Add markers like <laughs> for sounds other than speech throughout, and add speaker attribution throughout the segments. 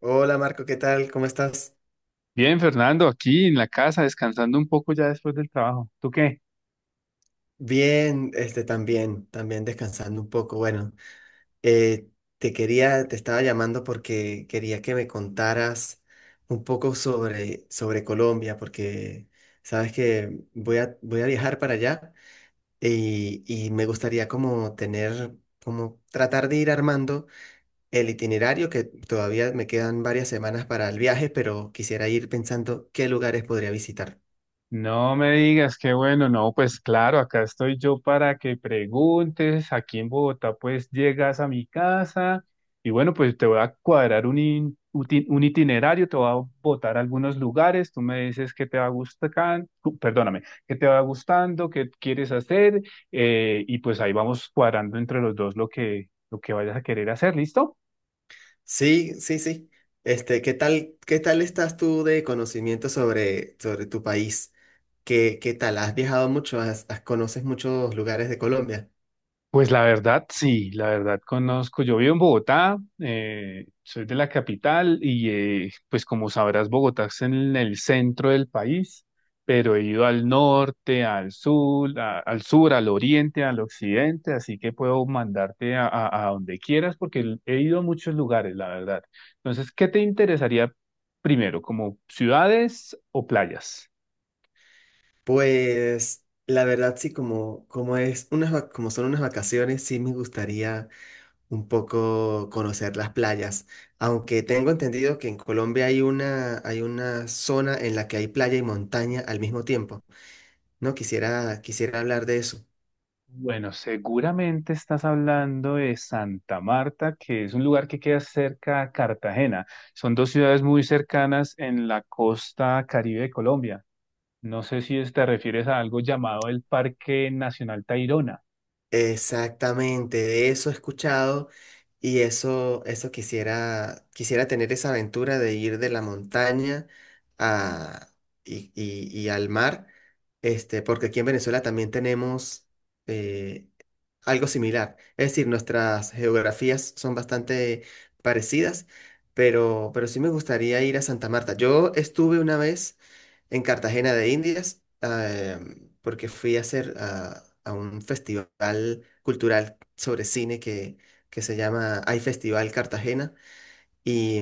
Speaker 1: Hola Marco, ¿qué tal? ¿Cómo estás?
Speaker 2: Bien, Fernando, aquí en la casa, descansando un poco ya después del trabajo. ¿Tú qué?
Speaker 1: Bien, también, descansando un poco. Bueno, eh, te estaba llamando porque quería que me contaras un poco sobre Colombia, porque sabes que voy a viajar para allá y me gustaría como tener, como tratar de ir armando el itinerario, que todavía me quedan varias semanas para el viaje, pero quisiera ir pensando qué lugares podría visitar.
Speaker 2: No me digas, qué bueno. No, pues claro, acá estoy yo para que preguntes. Aquí en Bogotá, pues llegas a mi casa y bueno, pues te voy a cuadrar un, un itinerario, te voy a botar a algunos lugares, tú me dices qué te va gustando, perdóname, qué te va gustando, qué quieres hacer, y pues ahí vamos cuadrando entre los dos lo que vayas a querer hacer, ¿listo?
Speaker 1: Sí, sí, sí. Qué tal estás tú de conocimiento sobre tu país? ¿Qué, qué tal? ¿Has viajado mucho? ¿ Conoces muchos lugares de Colombia?
Speaker 2: Pues la verdad, sí, la verdad conozco. Yo vivo en Bogotá, soy de la capital y pues como sabrás, Bogotá es en el centro del país, pero he ido al norte, al sur, al sur, al oriente, al occidente, así que puedo mandarte a, a donde quieras porque he ido a muchos lugares, la verdad. Entonces, ¿qué te interesaría primero, como ciudades o playas?
Speaker 1: Pues la verdad sí, como como son unas vacaciones, sí me gustaría un poco conocer las playas. Aunque tengo entendido que en Colombia hay una zona en la que hay playa y montaña al mismo tiempo. No quisiera, quisiera hablar de eso.
Speaker 2: Bueno, seguramente estás hablando de Santa Marta, que es un lugar que queda cerca a Cartagena. Son dos ciudades muy cercanas en la costa Caribe de Colombia. No sé si te refieres a algo llamado el Parque Nacional Tayrona.
Speaker 1: Exactamente, de eso he escuchado. Y eso quisiera, quisiera tener esa aventura de ir de la montaña a, y al mar, porque aquí en Venezuela también tenemos eh, algo similar. Es decir, nuestras geografías son bastante parecidas, pero sí me gustaría ir a Santa Marta. Yo estuve una vez en Cartagena de Indias, porque fui a a un festival cultural sobre cine que se llama Hay Festival Cartagena y,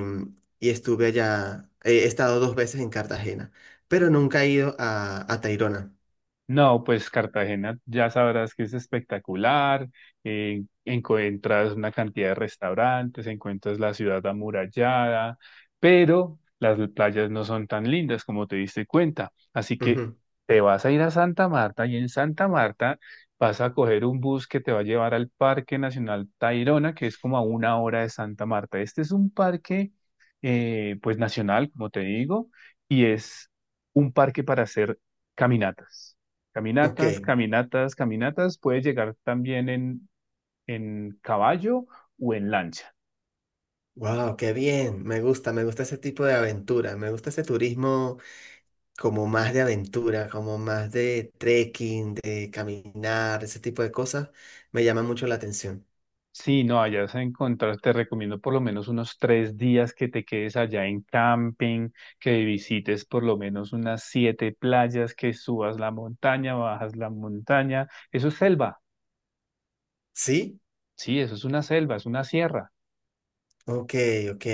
Speaker 1: y estuve allá, he estado dos veces en Cartagena, pero nunca he ido a Tayrona.
Speaker 2: No, pues Cartagena ya sabrás que es espectacular, encuentras una cantidad de restaurantes, encuentras la ciudad amurallada, pero las playas no son tan lindas como te diste cuenta. Así que
Speaker 1: Ujú.
Speaker 2: te vas a ir a Santa Marta y en Santa Marta vas a coger un bus que te va a llevar al Parque Nacional Tayrona, que es como a una hora de Santa Marta. Este es un parque, pues nacional, como te digo, y es un parque para hacer caminatas.
Speaker 1: Ok,
Speaker 2: Caminatas, caminatas, caminatas. Puedes llegar también en caballo o en lancha.
Speaker 1: wow, qué bien, me gusta ese tipo de aventura, me gusta ese turismo como más de aventura, como más de trekking, de caminar, ese tipo de cosas, me llama mucho la atención.
Speaker 2: Sí, no, allá vas a encontrar, te recomiendo por lo menos unos 3 días que te quedes allá en camping, que visites por lo menos unas 7 playas, que subas la montaña, bajas la montaña. Eso es selva,
Speaker 1: ¿Sí?
Speaker 2: sí, eso es una selva, es una sierra.
Speaker 1: Ok, ok.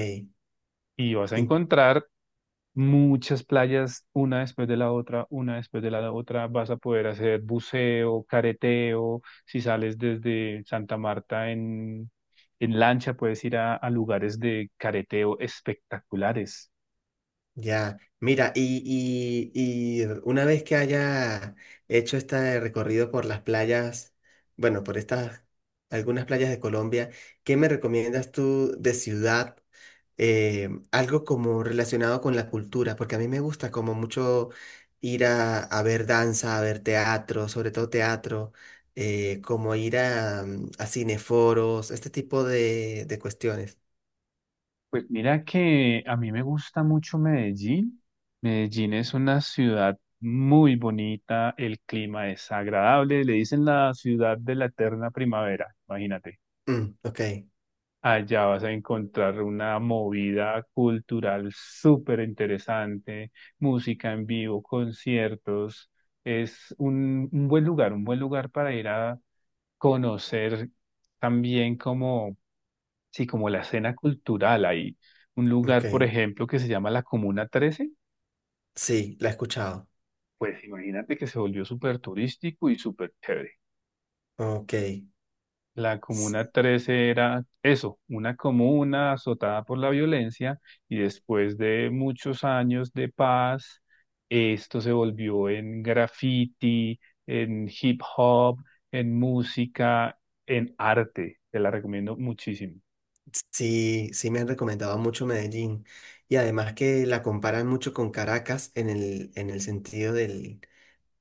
Speaker 2: Y vas a encontrar muchas playas, una después de la otra, una después de la otra, vas a poder hacer buceo, careteo, si sales desde Santa Marta en lancha, puedes ir a, lugares de careteo espectaculares.
Speaker 1: Ya, mira, y una vez que haya hecho este recorrido por las playas, bueno, por estas, algunas playas de Colombia, ¿qué me recomiendas tú de ciudad? Algo como relacionado con la cultura, porque a mí me gusta como mucho ir a ver danza, a ver teatro, sobre todo teatro, como ir a cineforos, este tipo de cuestiones.
Speaker 2: Pues mira que a mí me gusta mucho Medellín. Medellín es una ciudad muy bonita, el clima es agradable, le dicen la ciudad de la eterna primavera, imagínate.
Speaker 1: Mm, ok,
Speaker 2: Allá vas a encontrar una movida cultural súper interesante, música en vivo, conciertos. Es un buen lugar para ir a conocer también como, sí, como la escena cultural ahí. Un
Speaker 1: ok,
Speaker 2: lugar, por ejemplo, que se llama la Comuna 13.
Speaker 1: sí, la he escuchado.
Speaker 2: Pues imagínate que se volvió súper turístico y súper chévere.
Speaker 1: Ok,
Speaker 2: La
Speaker 1: s-
Speaker 2: Comuna 13 era eso, una comuna azotada por la violencia, y después de muchos años de paz, esto se volvió en graffiti, en hip hop, en música, en arte. Te la recomiendo muchísimo.
Speaker 1: sí, sí me han recomendado mucho Medellín y además que la comparan mucho con Caracas en en el sentido del,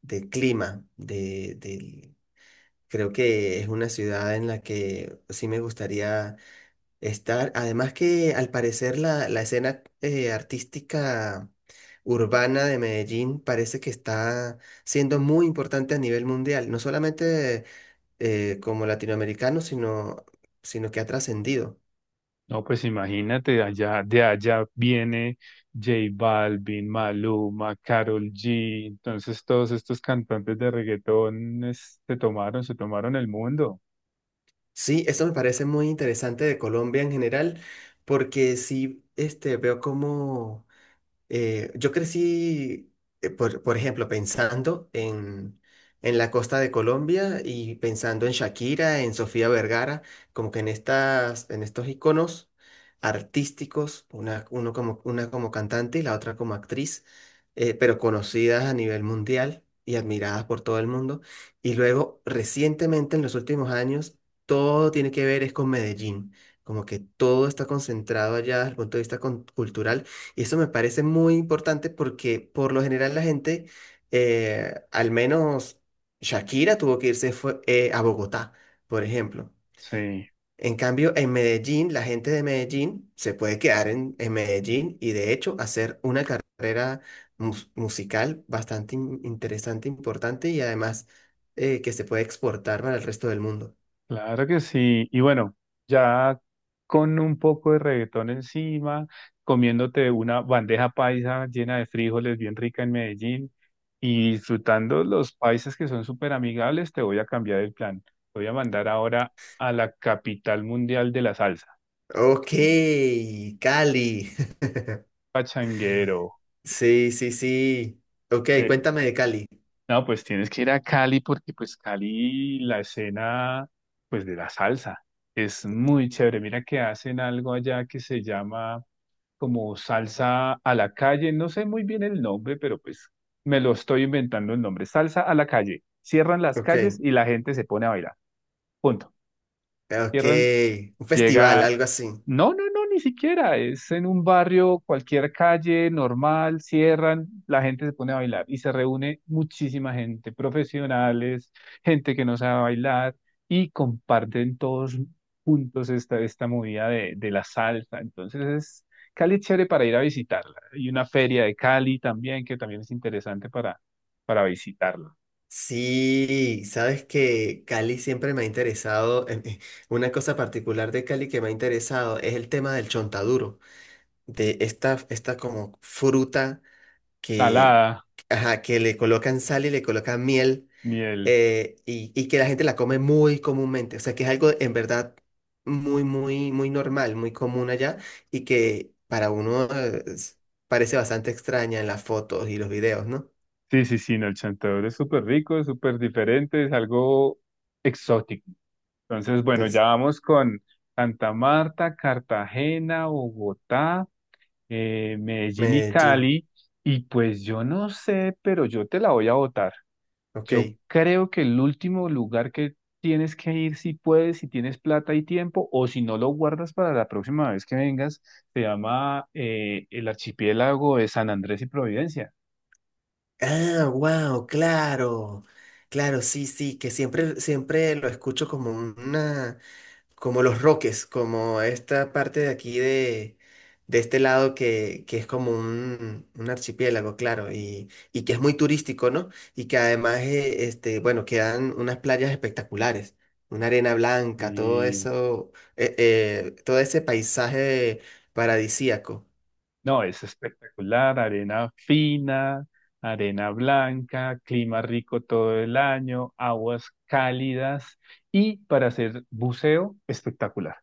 Speaker 1: del clima, de, del- creo que es una ciudad en la que sí me gustaría estar, además que al parecer la escena artística urbana de Medellín parece que está siendo muy importante a nivel mundial, no solamente como latinoamericano, sino que ha trascendido.
Speaker 2: No, pues imagínate, allá, de allá viene J Balvin, Maluma, Karol G. Entonces todos estos cantantes de reggaetón se tomaron el mundo.
Speaker 1: Sí, eso me parece muy interesante de Colombia en general, porque sí, veo cómo yo crecí, por ejemplo, pensando en la costa de Colombia y pensando en Shakira, en Sofía Vergara, como que en estas, en estos iconos artísticos, uno como, una como cantante y la otra como actriz, pero conocidas a nivel mundial y admiradas por todo el mundo. Y luego, recientemente, en los últimos años, todo tiene que ver es con Medellín. Como que todo está concentrado allá desde el punto de vista cultural y eso me parece muy importante porque por lo general la gente, al menos Shakira tuvo que irse a Bogotá, por ejemplo.
Speaker 2: Sí.
Speaker 1: En cambio, en Medellín, la gente de Medellín se puede quedar en Medellín y de hecho hacer una carrera musical bastante interesante, importante y además que se puede exportar para el resto del mundo.
Speaker 2: Claro que sí. Y bueno, ya con un poco de reggaetón encima, comiéndote una bandeja paisa llena de frijoles bien rica en Medellín y disfrutando los paisas que son súper amigables, te voy a cambiar el plan. Te voy a mandar ahora a la capital mundial de la salsa,
Speaker 1: Ok, Cali. <laughs>
Speaker 2: Pachanguero.
Speaker 1: Sí, sí, sí. Ok,
Speaker 2: Te-
Speaker 1: cuéntame de Cali.
Speaker 2: No, pues tienes que ir a Cali porque pues Cali, la escena pues de la salsa es muy chévere. Mira que hacen algo allá que se llama como salsa a la calle, no sé muy bien el nombre, pero pues me lo estoy inventando el nombre, salsa a la calle. Cierran las
Speaker 1: Ok.
Speaker 2: calles y la gente se pone a bailar. Punto.
Speaker 1: Ok,
Speaker 2: Cierran,
Speaker 1: un festival,
Speaker 2: llega
Speaker 1: algo así.
Speaker 2: no, no, no, ni siquiera. Es en un barrio, cualquier calle normal, cierran, la gente se pone a bailar y se reúne muchísima gente, profesionales, gente que no sabe bailar y comparten todos juntos esta, esta movida de la salsa. Entonces es Cali, es chévere para ir a visitarla. Y una feria de Cali también, que también es interesante para visitarla.
Speaker 1: Sí, sabes que Cali siempre me ha interesado, una cosa particular de Cali que me ha interesado es el tema del chontaduro, de esta, esta como fruta que,
Speaker 2: Salada,
Speaker 1: ajá, que le colocan sal y le colocan miel.
Speaker 2: miel.
Speaker 1: Y que la gente la come muy comúnmente, o sea que es algo en verdad muy, muy, muy normal, muy común allá y que para uno parece bastante extraña en las fotos y los videos, ¿no?
Speaker 2: Sí, sí, sí, no, el chantadur es súper rico, es súper diferente, es algo exótico. Entonces, bueno, ya
Speaker 1: Es
Speaker 2: vamos con Santa Marta, Cartagena, Bogotá, Medellín y
Speaker 1: Medellín,
Speaker 2: Cali. Y pues yo no sé, pero yo te la voy a votar.
Speaker 1: ok.
Speaker 2: Yo creo que el último lugar que tienes que ir, si puedes, si tienes plata y tiempo, o si no lo guardas para la próxima vez que vengas, se llama el archipiélago de San Andrés y Providencia.
Speaker 1: Ah, wow, claro. Claro, sí, sí, que siempre, siempre lo escucho como una, como los roques, como esta parte de aquí de este lado que es como un archipiélago, claro, y que es muy turístico, ¿no? Y que además, bueno, quedan unas playas espectaculares, una arena blanca, todo
Speaker 2: Y
Speaker 1: eso, todo ese paisaje paradisíaco.
Speaker 2: no, es espectacular, arena fina, arena blanca, clima rico todo el año, aguas cálidas y para hacer buceo, espectacular.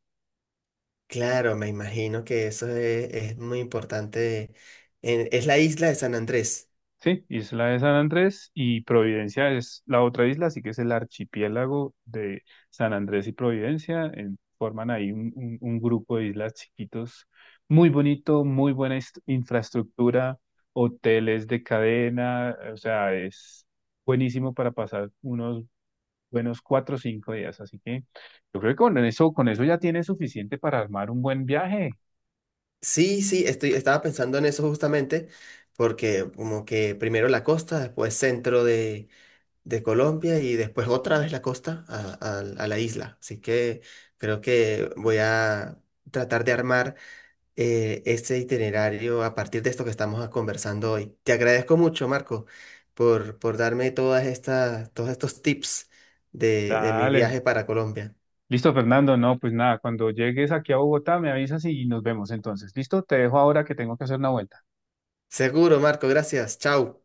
Speaker 1: Claro, me imagino que eso es muy importante. Es la isla de San Andrés.
Speaker 2: Sí, Isla de San Andrés y Providencia es la otra isla, así que es el archipiélago de San Andrés y Providencia. Forman ahí un, un grupo de islas chiquitos, muy bonito, muy buena infraestructura, hoteles de cadena, o sea, es buenísimo para pasar unos buenos 4 o 5 días. Así que yo creo que con eso ya tienes suficiente para armar un buen viaje.
Speaker 1: Sí, sí, estaba pensando en eso justamente, porque como que primero la costa, después centro de Colombia y después otra vez la costa a la isla. Así que creo que voy a tratar de armar. Este itinerario a partir de esto que estamos conversando hoy. Te agradezco mucho, Marco, por darme todas estas, todos estos tips de mi
Speaker 2: Dale.
Speaker 1: viaje para Colombia.
Speaker 2: Listo, Fernando. No, pues nada, cuando llegues aquí a Bogotá me avisas y nos vemos entonces. Listo, te dejo ahora que tengo que hacer una vuelta.
Speaker 1: Seguro, Marco, gracias. Chao.